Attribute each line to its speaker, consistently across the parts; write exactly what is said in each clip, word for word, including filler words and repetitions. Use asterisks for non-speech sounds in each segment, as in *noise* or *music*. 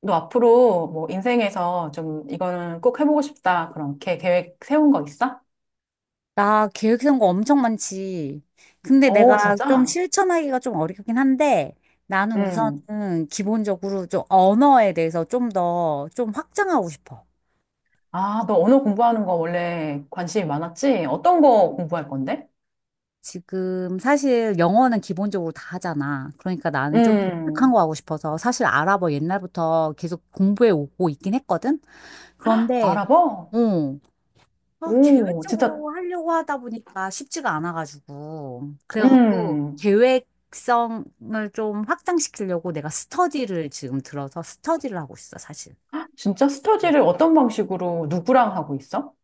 Speaker 1: 너 앞으로 뭐 인생에서 좀 이거는 꼭 해보고 싶다. 그렇게 계획 세운 거 있어?
Speaker 2: 나 계획 세운 거 엄청 많지. 근데
Speaker 1: 어,
Speaker 2: 내가 좀
Speaker 1: 진짜?
Speaker 2: 실천하기가 좀 어렵긴 한데 나는
Speaker 1: 응.
Speaker 2: 우선은 기본적으로 좀 언어에 대해서 좀 더 좀 확장하고 싶어.
Speaker 1: 아, 너 언어 공부하는 거 원래 관심이 많았지? 어떤 거 공부할 건데?
Speaker 2: 지금 사실 영어는 기본적으로 다 하잖아. 그러니까 나는 좀 독특한
Speaker 1: 음,
Speaker 2: 거 하고 싶어서 사실 아랍어 옛날부터 계속 공부해 오고 있긴 했거든. 그런데.
Speaker 1: 아랍어?
Speaker 2: 어. 아,
Speaker 1: 오, 진짜.
Speaker 2: 계획적으로 하려고 하다 보니까 쉽지가 않아가지고. 그래갖고
Speaker 1: 음,
Speaker 2: 계획성을 좀 확장시키려고 내가 스터디를 지금 들어서 스터디를 하고 있어, 사실.
Speaker 1: 진짜 스터디를 어떤 방식으로 누구랑 하고 있어?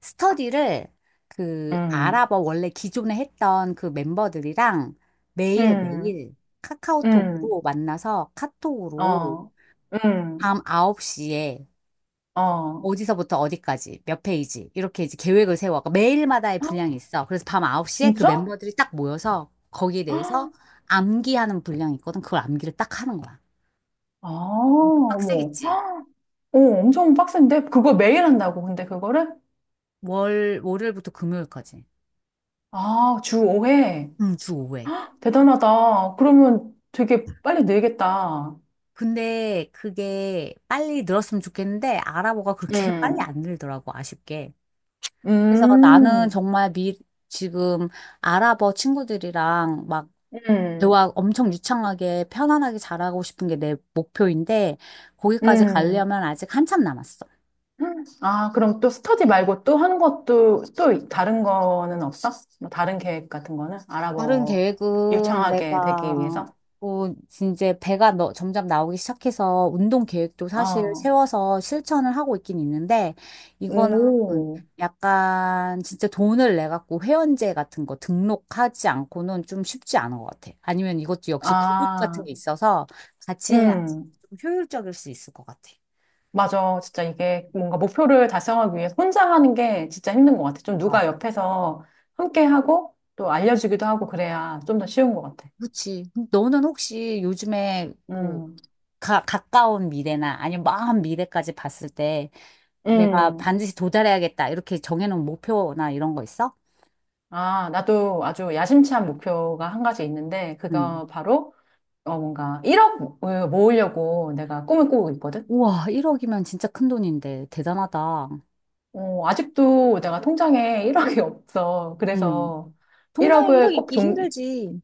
Speaker 2: 스터디를 그
Speaker 1: 음.
Speaker 2: 아랍어 원래 기존에 했던 그 멤버들이랑
Speaker 1: 음.
Speaker 2: 매일매일
Speaker 1: 음.
Speaker 2: 카카오톡으로 만나서 카톡으로
Speaker 1: 어. 음.
Speaker 2: 밤 아홉 시에
Speaker 1: 어.
Speaker 2: 어디서부터 어디까지, 몇 페이지, 이렇게 이제 계획을 세워. 그러니까 매일마다의 분량이 있어. 그래서 밤 아홉 시에 그
Speaker 1: 진짜?
Speaker 2: 멤버들이 딱 모여서 거기에 대해서
Speaker 1: *gasps*
Speaker 2: 암기하는 분량이 있거든. 그걸 암기를 딱 하는 거야.
Speaker 1: 아,
Speaker 2: 엄청
Speaker 1: 어머.
Speaker 2: 빡세겠지.
Speaker 1: 오, 엄청 빡센데? 그거 매일 한다고, 근데 그거를?
Speaker 2: 월, 월요일부터 금요일까지.
Speaker 1: 아, 주 오 회.
Speaker 2: 응, 주 오 회.
Speaker 1: 대단하다. 그러면 되게 빨리 늘겠다.
Speaker 2: 근데 그게 빨리 늘었으면 좋겠는데, 아랍어가 그렇게 *laughs* 빨리
Speaker 1: 음.
Speaker 2: 안 늘더라고, 아쉽게. 그래서 나는
Speaker 1: 음.
Speaker 2: 정말 미, 지금 아랍어 친구들이랑 막
Speaker 1: 음.
Speaker 2: 대화 엄청 유창하게 편안하게 잘하고 싶은 게 내 목표인데 거기까지
Speaker 1: 음.
Speaker 2: 가려면 아직 한참 남았어.
Speaker 1: 아, 그럼 또 스터디 말고 또 하는 것도, 또 다른 거는 없어? 뭐 다른 계획 같은 거는?
Speaker 2: 다른
Speaker 1: 아랍어
Speaker 2: 계획은
Speaker 1: 유창하게
Speaker 2: 내가
Speaker 1: 되기 위해서?
Speaker 2: 뭐 이제 배가 너, 점점 나오기 시작해서 운동 계획도 사실
Speaker 1: 어.
Speaker 2: 세워서 실천을 하고 있긴 있는데 이거는
Speaker 1: 오.
Speaker 2: 약간 진짜 돈을 내 갖고 회원제 같은 거 등록하지 않고는 좀 쉽지 않은 것 같아. 아니면 이것도 역시 그룹 같은
Speaker 1: 아.
Speaker 2: 게 있어서 같이 해야지
Speaker 1: 음.
Speaker 2: 좀 효율적일 수 있을 것 같아.
Speaker 1: 맞아. 진짜 이게 뭔가 목표를 달성하기 위해 혼자 하는 게 진짜 힘든 것 같아. 좀 누가
Speaker 2: 맞아.
Speaker 1: 옆에서 함께 하고 또 알려주기도 하고 그래야 좀 더 쉬운 것 같아.
Speaker 2: 그렇지. 너는 혹시 요즘에 뭐
Speaker 1: 음.
Speaker 2: 가, 가까운 미래나 아니면 먼 미래까지 봤을 때 내가
Speaker 1: 음.
Speaker 2: 반드시 도달해야겠다. 이렇게 정해놓은 목표나 이런 거 있어?
Speaker 1: 아, 나도 아주 야심찬 목표가 한 가지 있는데
Speaker 2: 응.
Speaker 1: 그거 바로 어, 뭔가 일억을 모으려고 내가 꿈을 꾸고 있거든.
Speaker 2: 우와, 일억이면 진짜 큰 돈인데. 대단하다.
Speaker 1: 어, 아직도 내가 통장에 *laughs* 일억이 없어.
Speaker 2: 응.
Speaker 1: 그래서
Speaker 2: 통장에
Speaker 1: 일억을
Speaker 2: 일억
Speaker 1: 꼭
Speaker 2: 있기
Speaker 1: 종,
Speaker 2: 힘들지.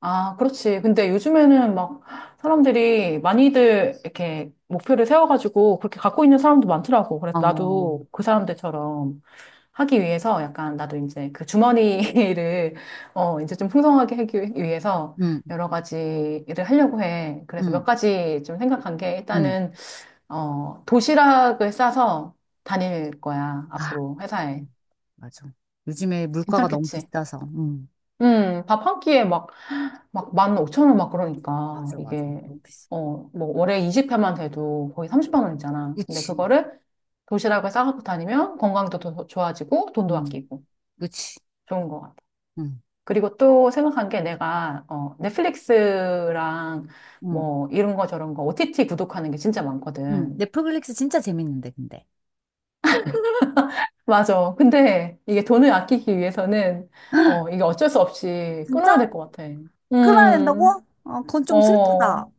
Speaker 1: 아, 그렇지. 근데 요즘에는 막 사람들이 많이들 이렇게 목표를 세워가지고 그렇게 갖고 있는 사람도 많더라고. 그래서
Speaker 2: 어,
Speaker 1: 나도 그 사람들처럼 하기 위해서 약간 나도 이제 그 주머니를 *laughs* 어, 이제 좀 풍성하게 하기 위해서
Speaker 2: 응,
Speaker 1: 여러 가지 일을 하려고 해. 그래서
Speaker 2: 응,
Speaker 1: 몇 가지 좀 생각한 게
Speaker 2: 응.
Speaker 1: 일단은 어, 도시락을 싸서 다닐 거야.
Speaker 2: 아.
Speaker 1: 앞으로 회사에.
Speaker 2: 음. 맞아. 요즘에 물가가 너무
Speaker 1: 괜찮겠지?
Speaker 2: 비싸서, 응.
Speaker 1: 음, 밥 한 끼에 막 막 만 오천 원 막. 그러니까
Speaker 2: 맞아, 맞아.
Speaker 1: 이게
Speaker 2: 너무 비싸.
Speaker 1: 어 뭐 월에 이십 회만 돼도 거의 삼십만 원 있잖아. 근데
Speaker 2: 그치.
Speaker 1: 그거를 도시락을 싸갖고 다니면 건강도 더 좋아지고 돈도
Speaker 2: 응,
Speaker 1: 아끼고
Speaker 2: 그치.
Speaker 1: 좋은 것 같아.
Speaker 2: 응,
Speaker 1: 그리고 또 생각한 게 내가 어 넷플릭스랑
Speaker 2: 응,
Speaker 1: 뭐 이런 거 저런 거 오티티 구독하는 게 진짜
Speaker 2: 응.
Speaker 1: 많거든.
Speaker 2: 넷플릭스 진짜 재밌는데, 근데.
Speaker 1: 맞아. 근데 이게 돈을 아끼기 위해서는 어
Speaker 2: *gasps*
Speaker 1: 이게 어쩔 수 없이 끊어야
Speaker 2: 진짜?
Speaker 1: 될 것 같아.
Speaker 2: 끊어야 된다고?
Speaker 1: 음.
Speaker 2: 어, 그건 좀 슬프다.
Speaker 1: 어.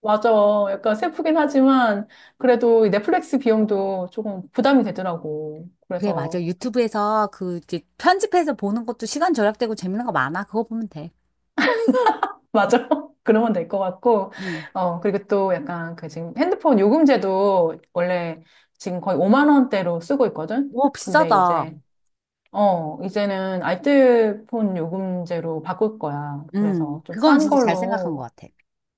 Speaker 1: 맞아. 약간 슬프긴 하지만 그래도 이 넷플릭스 비용도 조금 부담이 되더라고.
Speaker 2: 그래, 맞아.
Speaker 1: 그래서
Speaker 2: 유튜브에서 그 이제 편집해서 보는 것도 시간 절약되고 재밌는 거 많아. 그거 보면 돼.
Speaker 1: 맞아. *laughs* 그러면 될 것 같고.
Speaker 2: 음.
Speaker 1: 어, 그리고 또 약간 그 지금 핸드폰 요금제도 원래 지금 거의 오만 원대로 쓰고 있거든.
Speaker 2: 오,
Speaker 1: 근데
Speaker 2: 비싸다.
Speaker 1: 이제 어, 이제는 알뜰폰 요금제로 바꿀 거야. 그래서
Speaker 2: 음,
Speaker 1: 좀
Speaker 2: 그건
Speaker 1: 싼
Speaker 2: 진짜 잘 생각한 것
Speaker 1: 걸로.
Speaker 2: 같아.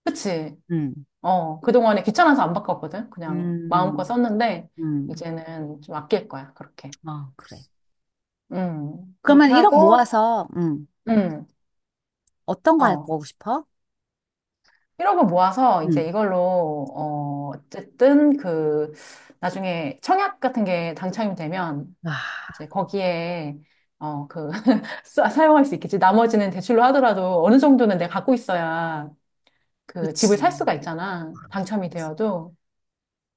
Speaker 1: 그치?
Speaker 2: 음,
Speaker 1: 어, 그동안에 귀찮아서 안 바꿨거든. 그냥 마음껏
Speaker 2: 음,
Speaker 1: 썼는데
Speaker 2: 음.
Speaker 1: 이제는 좀 아낄 거야. 그렇게.
Speaker 2: 아, 그래.
Speaker 1: 음,
Speaker 2: 그러면
Speaker 1: 그렇게
Speaker 2: 일억
Speaker 1: 하고.
Speaker 2: 모아서, 음,
Speaker 1: 음.
Speaker 2: 어떤 거 할
Speaker 1: 어,
Speaker 2: 거고 싶어?
Speaker 1: 일억을 모아서
Speaker 2: 음.
Speaker 1: 이제 이걸로. 어, 어쨌든 그, 나중에 청약 같은 게 당첨이 되면,
Speaker 2: 와.
Speaker 1: 이제 거기에, 어, 그, *laughs* 사- 사용할 수 있겠지. 나머지는 대출로 하더라도 어느 정도는 내가 갖고 있어야 그 집을
Speaker 2: 그치.
Speaker 1: 살 수가 있잖아. 당첨이 되어도.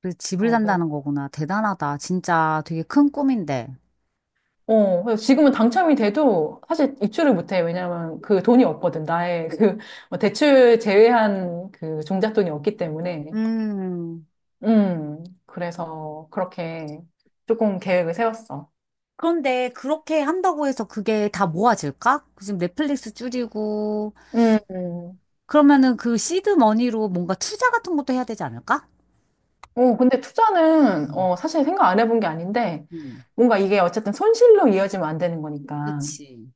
Speaker 2: 그 집을
Speaker 1: 어, 그,
Speaker 2: 산다는 거구나. 대단하다. 진짜 되게 큰 꿈인데.
Speaker 1: 어, 그래서 지금은 당첨이 돼도 사실 입주를 못해. 왜냐면 그 돈이 없거든. 나의 그, 뭐 대출 제외한 그 종잣돈이 없기 때문에.
Speaker 2: 음.
Speaker 1: 음, 그래서 그렇게 조금 계획을 세웠어.
Speaker 2: 그런데 그렇게 한다고 해서 그게 다 모아질까? 지금 넷플릭스 줄이고,
Speaker 1: 음. 음.
Speaker 2: 그러면은 그 시드 머니로 뭔가 투자 같은 것도 해야 되지 않을까?
Speaker 1: 어, 근데 투자는,
Speaker 2: 음,
Speaker 1: 어, 사실 생각 안 해본 게 아닌데,
Speaker 2: 음,
Speaker 1: 뭔가 이게 어쨌든 손실로 이어지면 안 되는 거니까.
Speaker 2: 그치.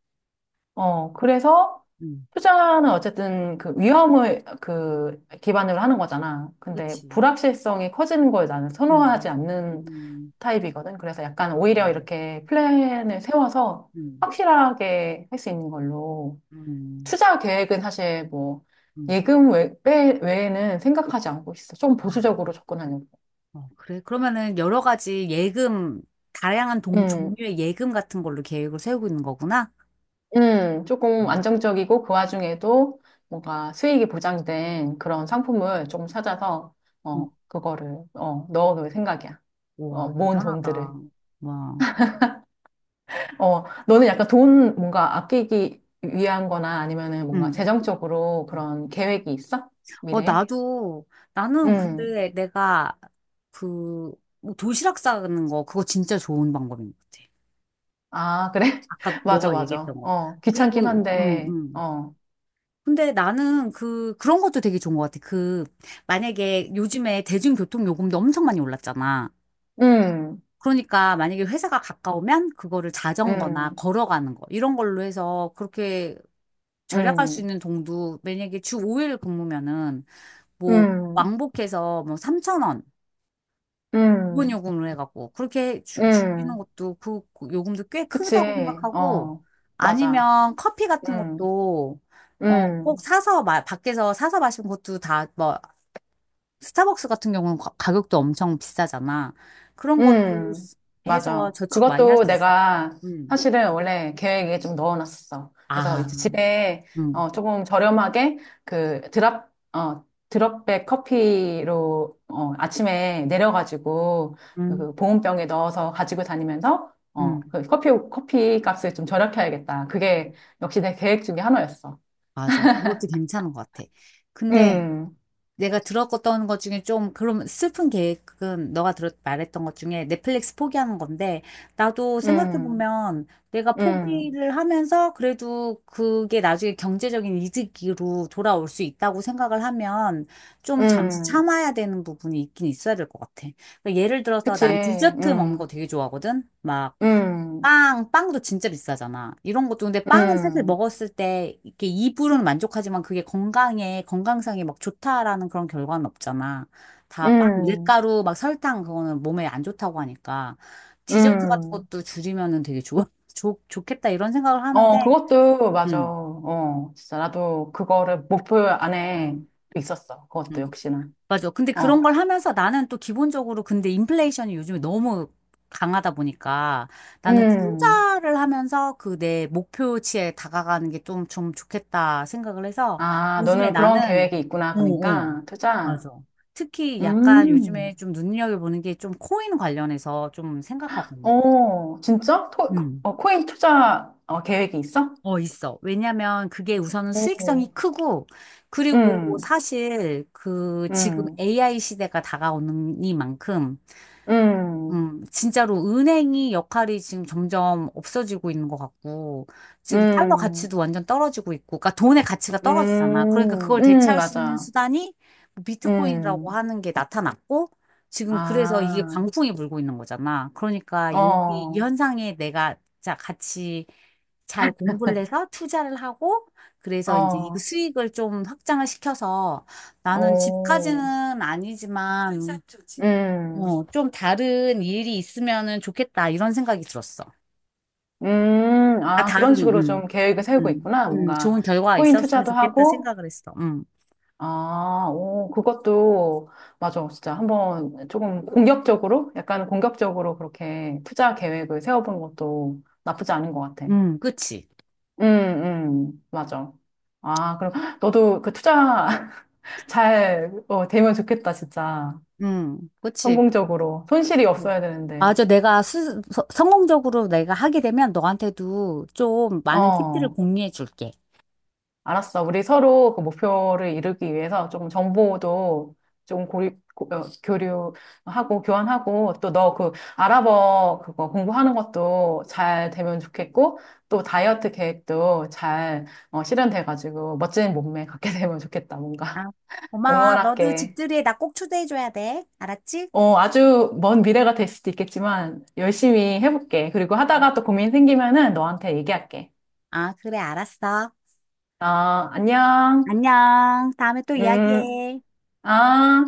Speaker 1: 어, 그래서
Speaker 2: 음,
Speaker 1: 투자는 어쨌든 그 위험을 그 기반으로 하는 거잖아. 근데
Speaker 2: 그치.
Speaker 1: 불확실성이 커지는 걸 나는
Speaker 2: 음,
Speaker 1: 선호하지
Speaker 2: 음,
Speaker 1: 않는
Speaker 2: 음.
Speaker 1: 타입이거든. 그래서 약간
Speaker 2: 아,
Speaker 1: 오히려 이렇게 플랜을 세워서
Speaker 2: 음,
Speaker 1: 확실하게 할 수 있는 걸로.
Speaker 2: 음,
Speaker 1: 투자 계획은 사실 뭐
Speaker 2: 음.
Speaker 1: 예금 외, 빼- 외에는 생각하지 않고 있어. 좀
Speaker 2: 아,
Speaker 1: 보수적으로 접근하려고.
Speaker 2: 어, 그래. 그러면은 여러 가지 예금, 다양한 동,
Speaker 1: 음.
Speaker 2: 종류의 예금 같은 걸로 계획을 세우고 있는 거구나.
Speaker 1: 음. 조금
Speaker 2: 음,
Speaker 1: 안정적이고 그 와중에도 뭔가 수익이 보장된 그런 상품을 조금 찾아서
Speaker 2: 음.
Speaker 1: 어 그거를 어 넣어놓을 생각이야. 어
Speaker 2: 우와,
Speaker 1: 모은
Speaker 2: 대단하다.
Speaker 1: 돈들을.
Speaker 2: 와.
Speaker 1: 어, 너는 약간 돈 뭔가 아끼기 위한거나 아니면은 뭔가
Speaker 2: 음.
Speaker 1: 재정적으로
Speaker 2: 음.
Speaker 1: 그런 계획이 있어?
Speaker 2: 어,
Speaker 1: 미래에?
Speaker 2: 나도, 나는
Speaker 1: 음.
Speaker 2: 근데 내가 그, 뭐 도시락 싸는 거, 그거 진짜 좋은 방법인 것 같아.
Speaker 1: 아, 그래?
Speaker 2: 아까
Speaker 1: *laughs* 맞아,
Speaker 2: 너가 얘기했던
Speaker 1: 맞아.
Speaker 2: 거.
Speaker 1: 어, 귀찮긴
Speaker 2: 그리고, 음,
Speaker 1: 한데,
Speaker 2: 음.
Speaker 1: 어.
Speaker 2: 근데 나는 그, 그런 것도 되게 좋은 것 같아. 그, 만약에 요즘에 대중교통 요금도 엄청 많이 올랐잖아.
Speaker 1: 음.
Speaker 2: 그러니까 만약에 회사가 가까우면 그거를 자전거나
Speaker 1: 음.
Speaker 2: 걸어가는 거, 이런 걸로 해서 그렇게 절약할 수
Speaker 1: 음.
Speaker 2: 있는 돈도 만약에 주 오 일 근무면은 뭐
Speaker 1: 음.
Speaker 2: 왕복해서 뭐 삼천 원 기본
Speaker 1: 음.
Speaker 2: 요금을 해갖고 그렇게 주, 주시는
Speaker 1: 음.
Speaker 2: 것도 그, 그 요금도 꽤
Speaker 1: 그치.
Speaker 2: 크다고 생각하고
Speaker 1: 어. 맞아.
Speaker 2: 아니면 커피 같은
Speaker 1: 음.
Speaker 2: 것도 어, 꼭
Speaker 1: 음.
Speaker 2: 사서 마, 밖에서 사서 마시는 것도 다 뭐 스타벅스 같은 경우는 가, 가격도 엄청 비싸잖아. 그런 것도
Speaker 1: 음.
Speaker 2: 쓰- 해서
Speaker 1: 맞아.
Speaker 2: 저축 많이 할
Speaker 1: 그것도
Speaker 2: 수 있어.
Speaker 1: 내가
Speaker 2: 음.
Speaker 1: 사실은 원래 계획에 좀 넣어놨었어. 그래서
Speaker 2: 아,
Speaker 1: 이제 집에
Speaker 2: 음,
Speaker 1: 어, 조금 저렴하게 그 드랍, 어, 드롭백 커피로 어, 아침에 내려가지고
Speaker 2: 음,
Speaker 1: 그 보온병에 넣어서 가지고 다니면서 어,
Speaker 2: 음.
Speaker 1: 그 커피, 커피 값을 좀 절약해야겠다. 그게 역시 내 계획 중에 하나였어.
Speaker 2: 맞아. 그것도 괜찮은 것 같아. 근데
Speaker 1: 음.
Speaker 2: 내가 들었던 것 중에 좀 그럼 슬픈 계획은 너가 들었 말했던 것 중에 넷플릭스 포기하는 건데 나도 생각해
Speaker 1: 음.
Speaker 2: 보면 내가
Speaker 1: 음.
Speaker 2: 포기를 하면서 그래도 그게 나중에 경제적인 이득으로 돌아올 수 있다고 생각을 하면 좀 잠시
Speaker 1: 음.
Speaker 2: 참아야 되는 부분이 있긴 있어야 될 것 같아. 그러니까 예를 들어서
Speaker 1: 그치.
Speaker 2: 난 디저트 먹는 거
Speaker 1: 음.
Speaker 2: 되게 좋아하거든. 막
Speaker 1: 음.
Speaker 2: 빵, 빵도 진짜 비싸잖아. 이런 것도 근데 빵은 사실
Speaker 1: 음.
Speaker 2: 먹었을 때 이렇게 입으로는 만족하지만 그게 건강에 건강상에 막 좋다라는 그런 결과는 없잖아. 다 빵,
Speaker 1: 음.
Speaker 2: 밀가루, 막 설탕 그거는 몸에 안 좋다고 하니까 디저트 같은
Speaker 1: 음.
Speaker 2: 것도 줄이면은 되게 좋, *laughs* 좋, 좋겠다 이런 생각을 하는데,
Speaker 1: 어, 그것도 맞아.
Speaker 2: 음,
Speaker 1: 어, 진짜 나도 그거를 목표 안에
Speaker 2: 음,
Speaker 1: 있었어. 그것도
Speaker 2: 음.
Speaker 1: 역시나.
Speaker 2: 맞아. 근데
Speaker 1: 어.
Speaker 2: 그런 걸 하면서 나는 또 기본적으로 근데 인플레이션이 요즘에 너무 강하다 보니까 나는
Speaker 1: 음.
Speaker 2: 투자를 하면서 그 내 목표치에 다가가는 게 좀, 좀 좋겠다 생각을 해서
Speaker 1: 아,
Speaker 2: 요즘에
Speaker 1: 너는 그런
Speaker 2: 나는,
Speaker 1: 계획이 있구나.
Speaker 2: 어, 어,
Speaker 1: 그러니까, 투자.
Speaker 2: 맞아. 특히 약간
Speaker 1: 음.
Speaker 2: 요즘에 좀 눈여겨보는 게 좀 코인 관련해서 좀 생각하고 있는 게 있어.
Speaker 1: 어, 진짜? 토, 그,
Speaker 2: 음.
Speaker 1: 어, 코인 투자 어, 계획이 있어?
Speaker 2: 어, 있어. 왜냐면 그게 우선은
Speaker 1: 오.
Speaker 2: 수익성이 크고, 그리고
Speaker 1: 음.
Speaker 2: 사실 그 지금
Speaker 1: 음.
Speaker 2: 에이아이 시대가 다가오는 이만큼
Speaker 1: 음.
Speaker 2: 음, 진짜로 은행이 역할이 지금 점점 없어지고 있는 것 같고, 지금 달러
Speaker 1: 음.
Speaker 2: 가치도 완전 떨어지고 있고, 그러니까 돈의 가치가 떨어지잖아. 그러니까
Speaker 1: 음.
Speaker 2: 그걸
Speaker 1: 음.
Speaker 2: 대체할 수 있는
Speaker 1: 맞아.
Speaker 2: 수단이 뭐 비트코인이라고
Speaker 1: 음.
Speaker 2: 하는 게 나타났고, 지금 그래서 이게
Speaker 1: 아.
Speaker 2: 광풍이 불고 있는 거잖아. 그러니까 여기 이
Speaker 1: 어.
Speaker 2: 현상에 내가 자, 같이 잘 공부를 해서 투자를 하고, 그래서 이제 이
Speaker 1: 어.
Speaker 2: 수익을 좀 확장을 시켜서 나는
Speaker 1: 어.
Speaker 2: 집까지는 아니지만,
Speaker 1: 음.
Speaker 2: 어, 좀 다른 일이 있으면은 좋겠다, 이런 생각이 들었어.
Speaker 1: 음.
Speaker 2: 아,
Speaker 1: 아, 그런
Speaker 2: 다른,
Speaker 1: 식으로
Speaker 2: 음,
Speaker 1: 좀 계획을 세우고
Speaker 2: 음,
Speaker 1: 있구나.
Speaker 2: 음,
Speaker 1: 뭔가,
Speaker 2: 좋은 결과가
Speaker 1: 코인
Speaker 2: 있었으면
Speaker 1: 투자도
Speaker 2: 좋겠다
Speaker 1: 하고,
Speaker 2: 생각을 했어. 음,
Speaker 1: 아, 오, 그것도. 맞아. 진짜 한번 조금 공격적으로, 약간 공격적으로 그렇게 투자 계획을 세워보는 것도 나쁘지 않은 것 같아.
Speaker 2: 음, 그치.
Speaker 1: 음. 음. 맞아. 아, 그럼 너도 그 투자 *laughs* 잘 어, 되면 좋겠다, 진짜.
Speaker 2: 음, 그치.
Speaker 1: 성공적으로. 손실이
Speaker 2: 그래.
Speaker 1: 없어야 되는데.
Speaker 2: 맞아. 내가 스, 서- 성공적으로 내가 하게 되면 너한테도 좀 많은 팁들을
Speaker 1: 어.
Speaker 2: 공유해 줄게.
Speaker 1: 알았어. 우리 서로 그 목표를 이루기 위해서 조금 정보도 좀 고리, 고- 어, 교류하고 교환하고, 또 너 그 아랍어 그거 공부하는 것도 잘 되면 좋겠고, 또 다이어트 계획도 잘 어, 실현돼가지고 멋진 몸매 갖게 *laughs* 되면 좋겠다.
Speaker 2: 아,
Speaker 1: 뭔가 *laughs*
Speaker 2: 고마워. 너도
Speaker 1: 응원할게.
Speaker 2: 집들이에 나 꼭 초대해줘야 돼. 알았지?
Speaker 1: 어, 아주 먼 미래가 될 수도 있겠지만 열심히 해볼게. 그리고
Speaker 2: 아,
Speaker 1: 하다가 또 고민 생기면은 너한테 얘기할게.
Speaker 2: 아, 그래, 알았어.
Speaker 1: 아, 안녕.
Speaker 2: 안녕. 다음에 또
Speaker 1: 음.
Speaker 2: 이야기해.
Speaker 1: 아.